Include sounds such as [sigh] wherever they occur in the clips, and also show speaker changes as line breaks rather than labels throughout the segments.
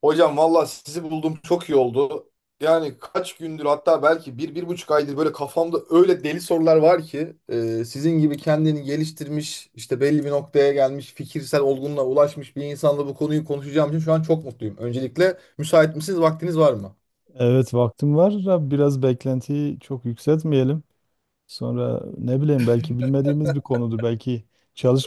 Hocam valla sizi buldum çok iyi oldu. Yani kaç gündür hatta belki bir, 1,5 aydır böyle kafamda öyle deli sorular var ki sizin gibi kendini geliştirmiş işte belli bir noktaya gelmiş fikirsel olgunluğa ulaşmış bir insanla bu konuyu konuşacağım için şu an çok mutluyum. Öncelikle müsait misiniz? Vaktiniz var mı?
Evet vaktim var. Biraz beklentiyi çok yükseltmeyelim. Sonra ne bileyim, belki bilmediğimiz bir konudur. Belki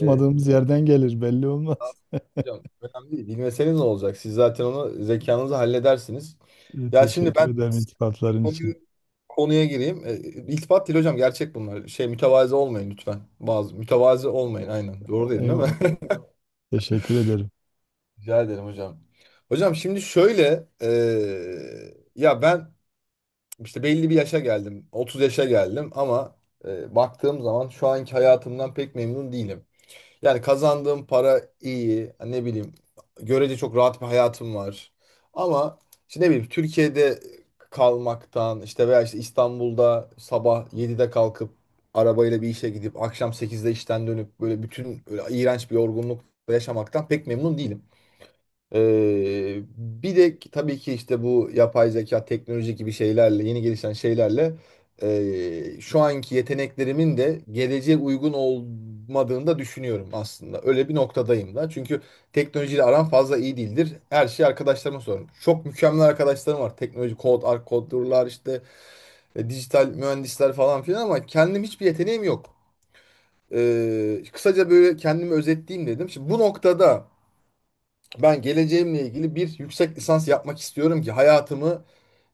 E,
yerden gelir, belli olmaz.
hocam önemli değil. Bilmeseniz ne olacak? Siz zaten onu zekanızla halledersiniz.
[laughs]
Ya şimdi
Teşekkür
ben
ederim iltifatların için.
konuya gireyim. İltifat değil hocam gerçek bunlar. Şey mütevazi olmayın lütfen. Bazı mütevazi olmayın aynen. Doğru dedim değil
Eyvallah.
mi?
Teşekkür ederim.
[laughs] Rica ederim hocam. Hocam şimdi şöyle ya ben işte belli bir yaşa geldim. 30 yaşa geldim ama baktığım zaman şu anki hayatımdan pek memnun değilim. Yani kazandığım para iyi. Ne bileyim. Görece çok rahat bir hayatım var. Ama işte ne bileyim Türkiye'de kalmaktan işte veya işte İstanbul'da sabah 7'de kalkıp arabayla bir işe gidip akşam sekizde işten dönüp böyle bütün böyle iğrenç bir yorgunluk yaşamaktan pek memnun değilim. Bir de tabii ki işte bu yapay zeka, teknoloji gibi şeylerle, yeni gelişen şeylerle şu anki yeteneklerimin de geleceğe uygun olmadığını da düşünüyorum aslında. Öyle bir noktadayım da. Çünkü teknolojiyle aram fazla iyi değildir. Her şeyi arkadaşlarıma sorarım. Çok mükemmel arkadaşlarım var. Teknoloji, kod, kodurlar işte dijital mühendisler falan filan ama kendim hiçbir yeteneğim yok. Kısaca böyle kendimi özetleyeyim dedim. Şimdi bu noktada ben geleceğimle ilgili bir yüksek lisans yapmak istiyorum ki hayatımı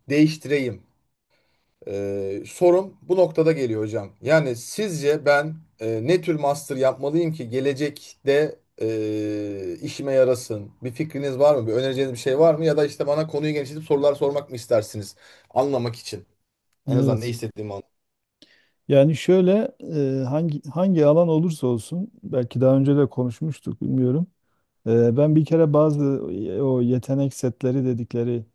değiştireyim. Sorum bu noktada geliyor hocam. Yani sizce ben ne tür master yapmalıyım ki gelecekte işime yarasın? Bir fikriniz var mı? Bir önereceğiniz bir şey var mı? Ya da işte bana konuyu genişletip sorular sormak mı istersiniz? Anlamak için. En azından ne
Evet.
istediğimi anlamak.
Yani şöyle, hangi alan olursa olsun, belki daha önce de konuşmuştuk, bilmiyorum. Ben bir kere bazı o yetenek setleri dedikleri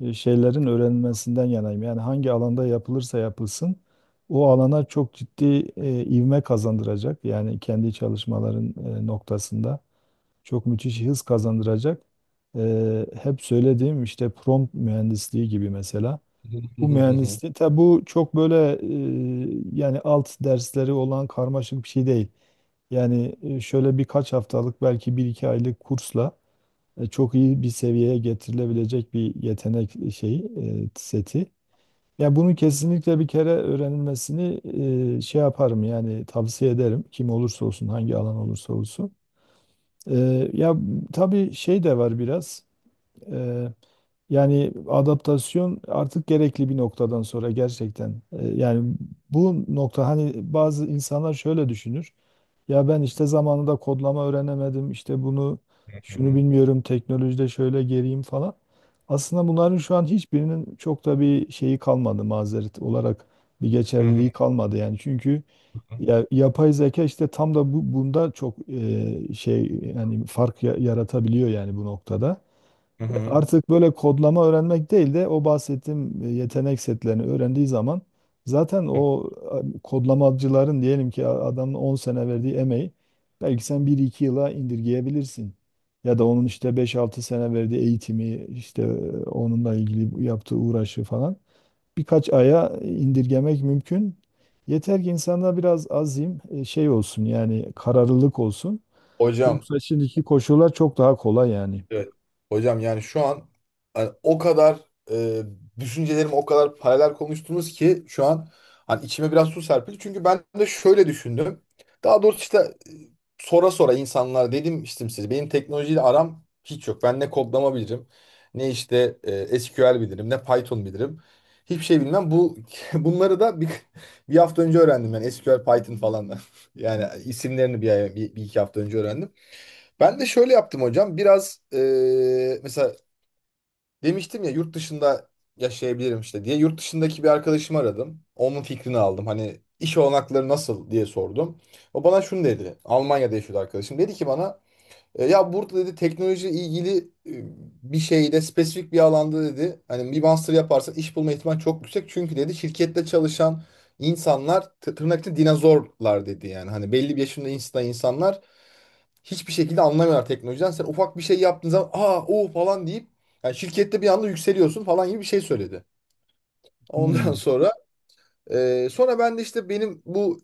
şeylerin öğrenilmesinden yanayım. Yani hangi alanda yapılırsa yapılsın, o alana çok ciddi ivme kazandıracak. Yani kendi çalışmaların noktasında çok müthiş hız kazandıracak. Hep söylediğim işte prompt mühendisliği gibi mesela. Bu mühendisliği, tabi bu çok böyle yani alt dersleri olan karmaşık bir şey değil. Yani şöyle birkaç haftalık, belki bir iki aylık kursla çok iyi bir seviyeye getirilebilecek bir yetenek şeyi, seti. Yani bunun kesinlikle bir kere öğrenilmesini şey yaparım, yani tavsiye ederim, kim olursa olsun, hangi alan olursa olsun. E, ya tabii şey de var biraz. E, Yani adaptasyon artık gerekli bir noktadan sonra, gerçekten. Yani bu nokta, hani bazı insanlar şöyle düşünür. Ya ben işte zamanında kodlama öğrenemedim. İşte bunu şunu bilmiyorum. Teknolojide şöyle geriyim falan. Aslında bunların şu an hiçbirinin çok da bir şeyi kalmadı, mazeret olarak bir geçerliliği kalmadı yani. Çünkü ya, yapay zeka işte tam da bu bunda çok şey, yani yaratabiliyor yani bu noktada. Artık böyle kodlama öğrenmek değil de, o bahsettiğim yetenek setlerini öğrendiği zaman zaten o kodlamacıların, diyelim ki adamın 10 sene verdiği emeği belki sen bir iki yıla indirgeyebilirsin. Ya da onun işte 5-6 sene verdiği eğitimi, işte onunla ilgili yaptığı uğraşı falan, birkaç aya indirgemek mümkün. Yeter ki insanda biraz azim şey olsun, yani kararlılık olsun.
[laughs] Hocam.
Yoksa şimdiki koşullar çok daha kolay yani.
Evet. Hocam yani şu an hani o kadar e, düşüncelerim o kadar paralel konuştunuz ki şu an hani içime biraz su serpildi. Çünkü ben de şöyle düşündüm. Daha doğrusu işte sora sora insanlar dedim işte size benim teknolojiyle aram hiç yok. Ben ne kodlama bilirim, ne işte SQL bilirim, ne Python bilirim. Hiçbir şey bilmem. Bu [laughs] bunları da bir hafta önce öğrendim yani SQL, Python falan. Da [laughs] Yani isimlerini bir iki hafta önce öğrendim. Ben de şöyle yaptım hocam. Biraz mesela demiştim ya yurt dışında yaşayabilirim işte diye. Yurt dışındaki bir arkadaşımı aradım. Onun fikrini aldım. Hani iş olanakları nasıl diye sordum. O bana şunu dedi. Almanya'da yaşıyordu arkadaşım. Dedi ki bana ya burada dedi teknoloji ilgili e, bir şeyde spesifik bir alanda dedi hani bir master yaparsan iş bulma ihtimali çok yüksek. Çünkü dedi şirkette çalışan insanlar tırnak içinde dinozorlar dedi yani. Hani belli bir yaşında insanlar hiçbir şekilde anlamıyorlar teknolojiden. Sen ufak bir şey yaptığın zaman aa o falan deyip yani şirkette bir anda yükseliyorsun falan gibi bir şey söyledi. Ondan [laughs]
Hmm,
sonra ben de işte benim bu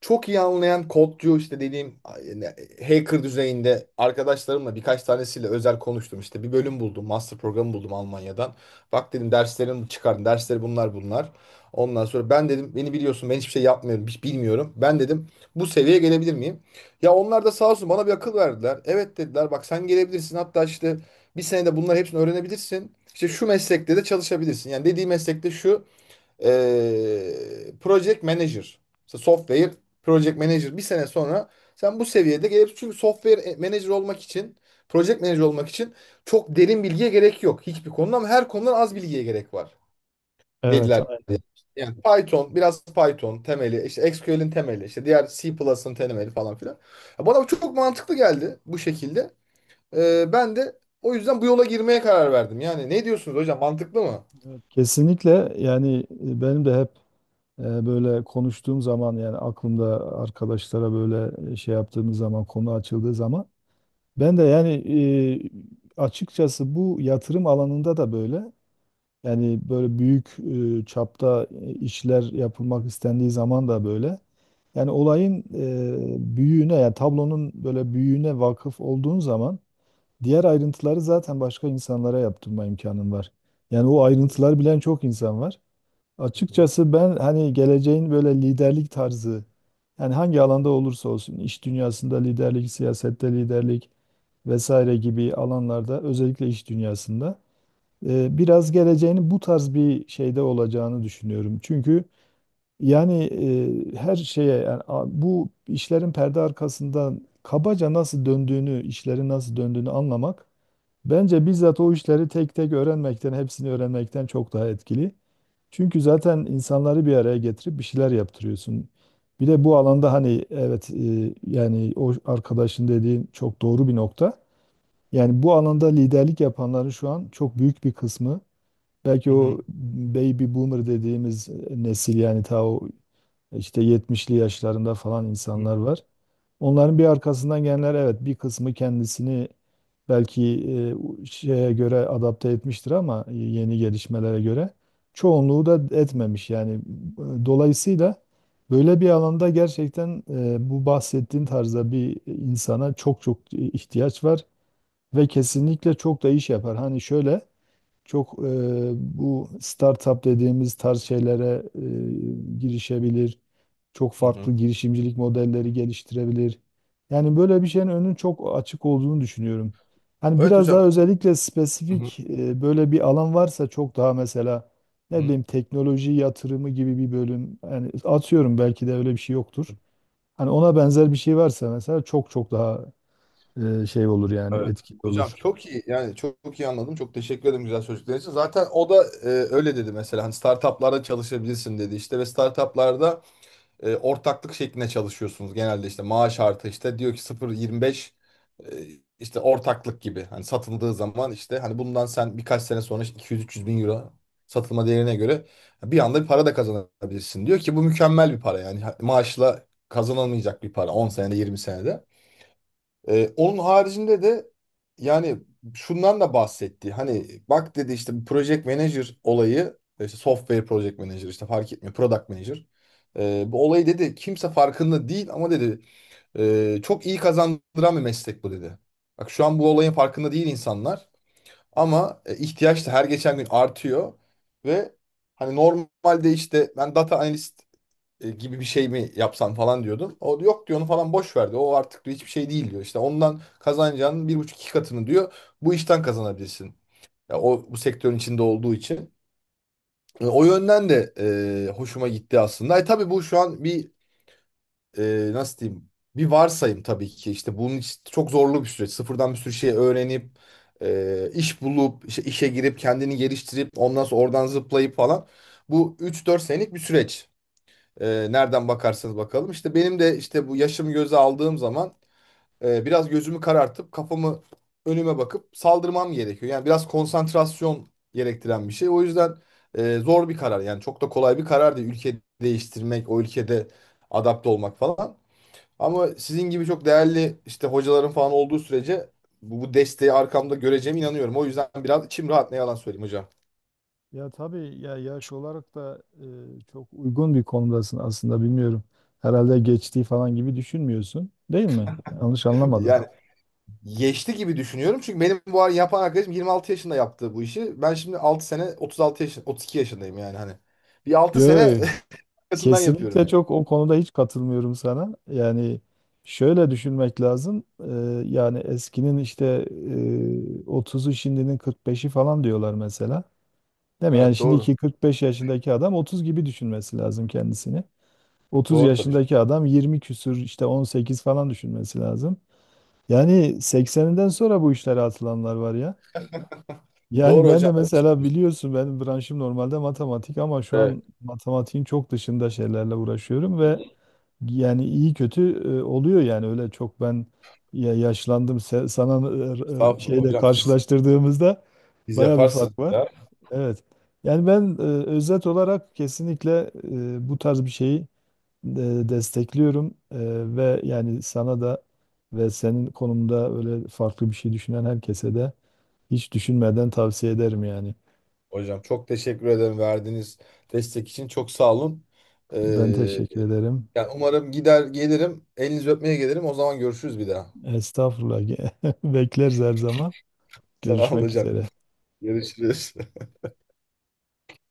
çok iyi anlayan kodcu işte dediğim yani hacker düzeyinde arkadaşlarımla birkaç tanesiyle özel konuştum. İşte bir bölüm buldum. Master programı buldum Almanya'dan. Bak dedim derslerimi çıkardım. Dersleri bunlar bunlar. Ondan sonra ben dedim beni biliyorsun ben hiçbir şey yapmıyorum. Hiç bilmiyorum. Ben dedim bu seviyeye gelebilir miyim? Ya onlar da sağ olsun bana bir akıl verdiler. Evet dediler bak sen gelebilirsin. Hatta işte bir senede bunların hepsini öğrenebilirsin. İşte şu meslekte de çalışabilirsin. Yani dediği meslekte şu project manager. İşte software project manager bir sene sonra sen bu seviyede gelip çünkü software manager olmak için project manager olmak için çok derin bilgiye gerek yok hiçbir konuda ama her konudan az bilgiye gerek var
evet,
dediler.
aynen.
Yani Python, biraz Python temeli, işte SQL'in temeli, işte diğer C++'ın temeli falan filan. Ya bana bu çok mantıklı geldi bu şekilde. Ben de o yüzden bu yola girmeye karar verdim. Yani ne diyorsunuz hocam? Mantıklı mı?
Evet, kesinlikle. Yani benim de hep böyle konuştuğum zaman, yani aklımda arkadaşlara böyle şey yaptığımız zaman, konu açıldığı zaman ben de yani açıkçası bu yatırım alanında da böyle, yani böyle büyük çapta işler yapılmak istendiği zaman da böyle, yani olayın büyüğüne, yani tablonun böyle büyüğüne vakıf olduğun zaman diğer ayrıntıları zaten başka insanlara yaptırma imkanın var. Yani o ayrıntılar bilen çok insan var.
Hı hı.
Açıkçası ben, hani geleceğin böyle liderlik tarzı, yani hangi alanda olursa olsun, iş dünyasında liderlik, siyasette liderlik vesaire gibi alanlarda, özellikle iş dünyasında, biraz geleceğinin bu tarz bir şeyde olacağını düşünüyorum. Çünkü yani her şeye yani, bu işlerin perde arkasından kabaca nasıl döndüğünü, işlerin nasıl döndüğünü anlamak bence bizzat o işleri tek tek öğrenmekten, hepsini öğrenmekten çok daha etkili. Çünkü zaten insanları bir araya getirip bir şeyler yaptırıyorsun. Bir de bu alanda hani evet, yani o arkadaşın dediğin çok doğru bir nokta. Yani bu alanda liderlik yapanların şu an çok büyük bir kısmı, belki
Hı
o
hı.
baby boomer dediğimiz nesil, yani ta o işte 70'li yaşlarında falan insanlar var. Onların bir arkasından gelenler, evet, bir kısmı kendisini belki e, şeye göre adapte etmiştir ama yeni gelişmelere göre çoğunluğu da etmemiş. Yani dolayısıyla böyle bir alanda gerçekten bu bahsettiğin tarzda bir insana çok çok ihtiyaç var ve kesinlikle çok da iş yapar. Hani şöyle çok bu startup dediğimiz tarz şeylere girişebilir. Çok
Hı
farklı
hı.
girişimcilik modelleri geliştirebilir. Yani böyle bir şeyin önünün çok açık olduğunu düşünüyorum. Hani
Evet
biraz
hocam.
daha özellikle
Hı hı,
spesifik böyle bir alan varsa çok daha, mesela ne
hı.
bileyim teknoloji yatırımı gibi bir bölüm, yani atıyorum, belki de öyle bir şey yoktur. Hani ona benzer bir şey varsa mesela çok çok daha şey olur, yani
Evet.
etkili
Hocam
olur.
çok iyi yani çok, çok iyi anladım. Çok teşekkür ederim güzel sözcükler için. Zaten o da öyle dedi mesela hani startuplarda çalışabilirsin dedi işte ve startuplarda ortaklık şeklinde çalışıyorsunuz genelde işte maaş artı işte diyor ki 0,25 e, işte ortaklık gibi hani satıldığı zaman işte hani bundan sen birkaç sene sonra işte 200-300 bin euro satılma değerine göre bir anda bir para da kazanabilirsin. Diyor ki bu mükemmel bir para yani maaşla kazanılmayacak bir para 10 senede 20 senede. Onun haricinde de yani şundan da bahsetti. Hani bak dedi işte bu project manager olayı işte software project manager işte fark etmiyor product manager. Bu olayı dedi kimse farkında değil ama dedi çok iyi kazandıran bir meslek bu dedi. Bak şu an bu olayın farkında değil insanlar ama ihtiyaç da her geçen gün artıyor ve hani normalde işte ben data analist gibi bir şey mi yapsan falan diyordum. O da yok diyor onu falan boş verdi. O artık diyor, hiçbir şey değil diyor. İşte ondan kazanacağının 1,5-2 katını diyor. Bu işten kazanabilirsin. Ya o bu sektörün içinde olduğu için. O yönden de hoşuma gitti aslında. Tabii bu şu an bir nasıl diyeyim bir varsayım tabii ki. İşte bunun için çok zorlu bir süreç. Sıfırdan bir sürü şey öğrenip iş bulup işte işe girip kendini geliştirip ondan sonra oradan zıplayıp falan. Bu 3-4 senelik bir süreç. Nereden bakarsanız bakalım. İşte benim de işte bu yaşımı göze aldığım zaman biraz gözümü karartıp kafamı önüme bakıp saldırmam gerekiyor. Yani biraz konsantrasyon gerektiren bir şey. O yüzden zor bir karar. Yani çok da kolay bir karar değil. Ülke değiştirmek, o ülkede adapte olmak falan. Ama sizin gibi çok değerli işte hocaların falan olduğu sürece bu desteği arkamda göreceğime inanıyorum. O yüzden biraz içim rahat ne yalan söyleyeyim hocam.
Ya tabii, ya yaş olarak da çok uygun bir konumdasın aslında, bilmiyorum. Herhalde geçtiği falan gibi düşünmüyorsun, değil mi? Yanlış
[laughs]
anlamadım.
Yani geçti gibi düşünüyorum. Çünkü benim bu ara yapan arkadaşım 26 yaşında yaptı bu işi. Ben şimdi 6 sene 36 yaşın 32 yaşındayım yani hani. Bir altı
Yo,
sene [laughs] arkasından yapıyorum
kesinlikle,
yani.
çok o konuda hiç katılmıyorum sana. Yani şöyle düşünmek lazım. Yani eskinin işte 30'u, şimdinin 45'i falan diyorlar mesela. Değil mi? Yani
Evet doğru.
şimdiki 45 yaşındaki adam 30 gibi düşünmesi lazım kendisini. 30
Doğru tabii.
yaşındaki adam 20 küsür işte 18 falan düşünmesi lazım. Yani 80'inden sonra bu işlere atılanlar var ya. Yani
Doğru
ben
hocam.
de mesela, biliyorsun, benim branşım normalde matematik ama şu
Evet.
an matematiğin çok dışında şeylerle uğraşıyorum ve yani iyi kötü oluyor. Yani öyle çok, ben ya yaşlandım sana
Estağfurullah
şeyle
hocam siz,
karşılaştırdığımızda
siz
baya bir
yaparsınız
fark var.
ya.
Evet. Yani ben özet olarak kesinlikle bu tarz bir şeyi destekliyorum. Ve yani sana da, ve senin konumda öyle farklı bir şey düşünen herkese de hiç düşünmeden tavsiye ederim yani.
Hocam çok teşekkür ederim verdiğiniz destek için. Çok sağ olun. Ee,
Ben teşekkür ederim.
yani umarım gider gelirim. Elinizi öpmeye gelirim. O zaman görüşürüz bir daha.
Estağfurullah. [laughs] Bekleriz her zaman.
[laughs] Sağ olun
Görüşmek
hocam.
üzere.
Görüşürüz.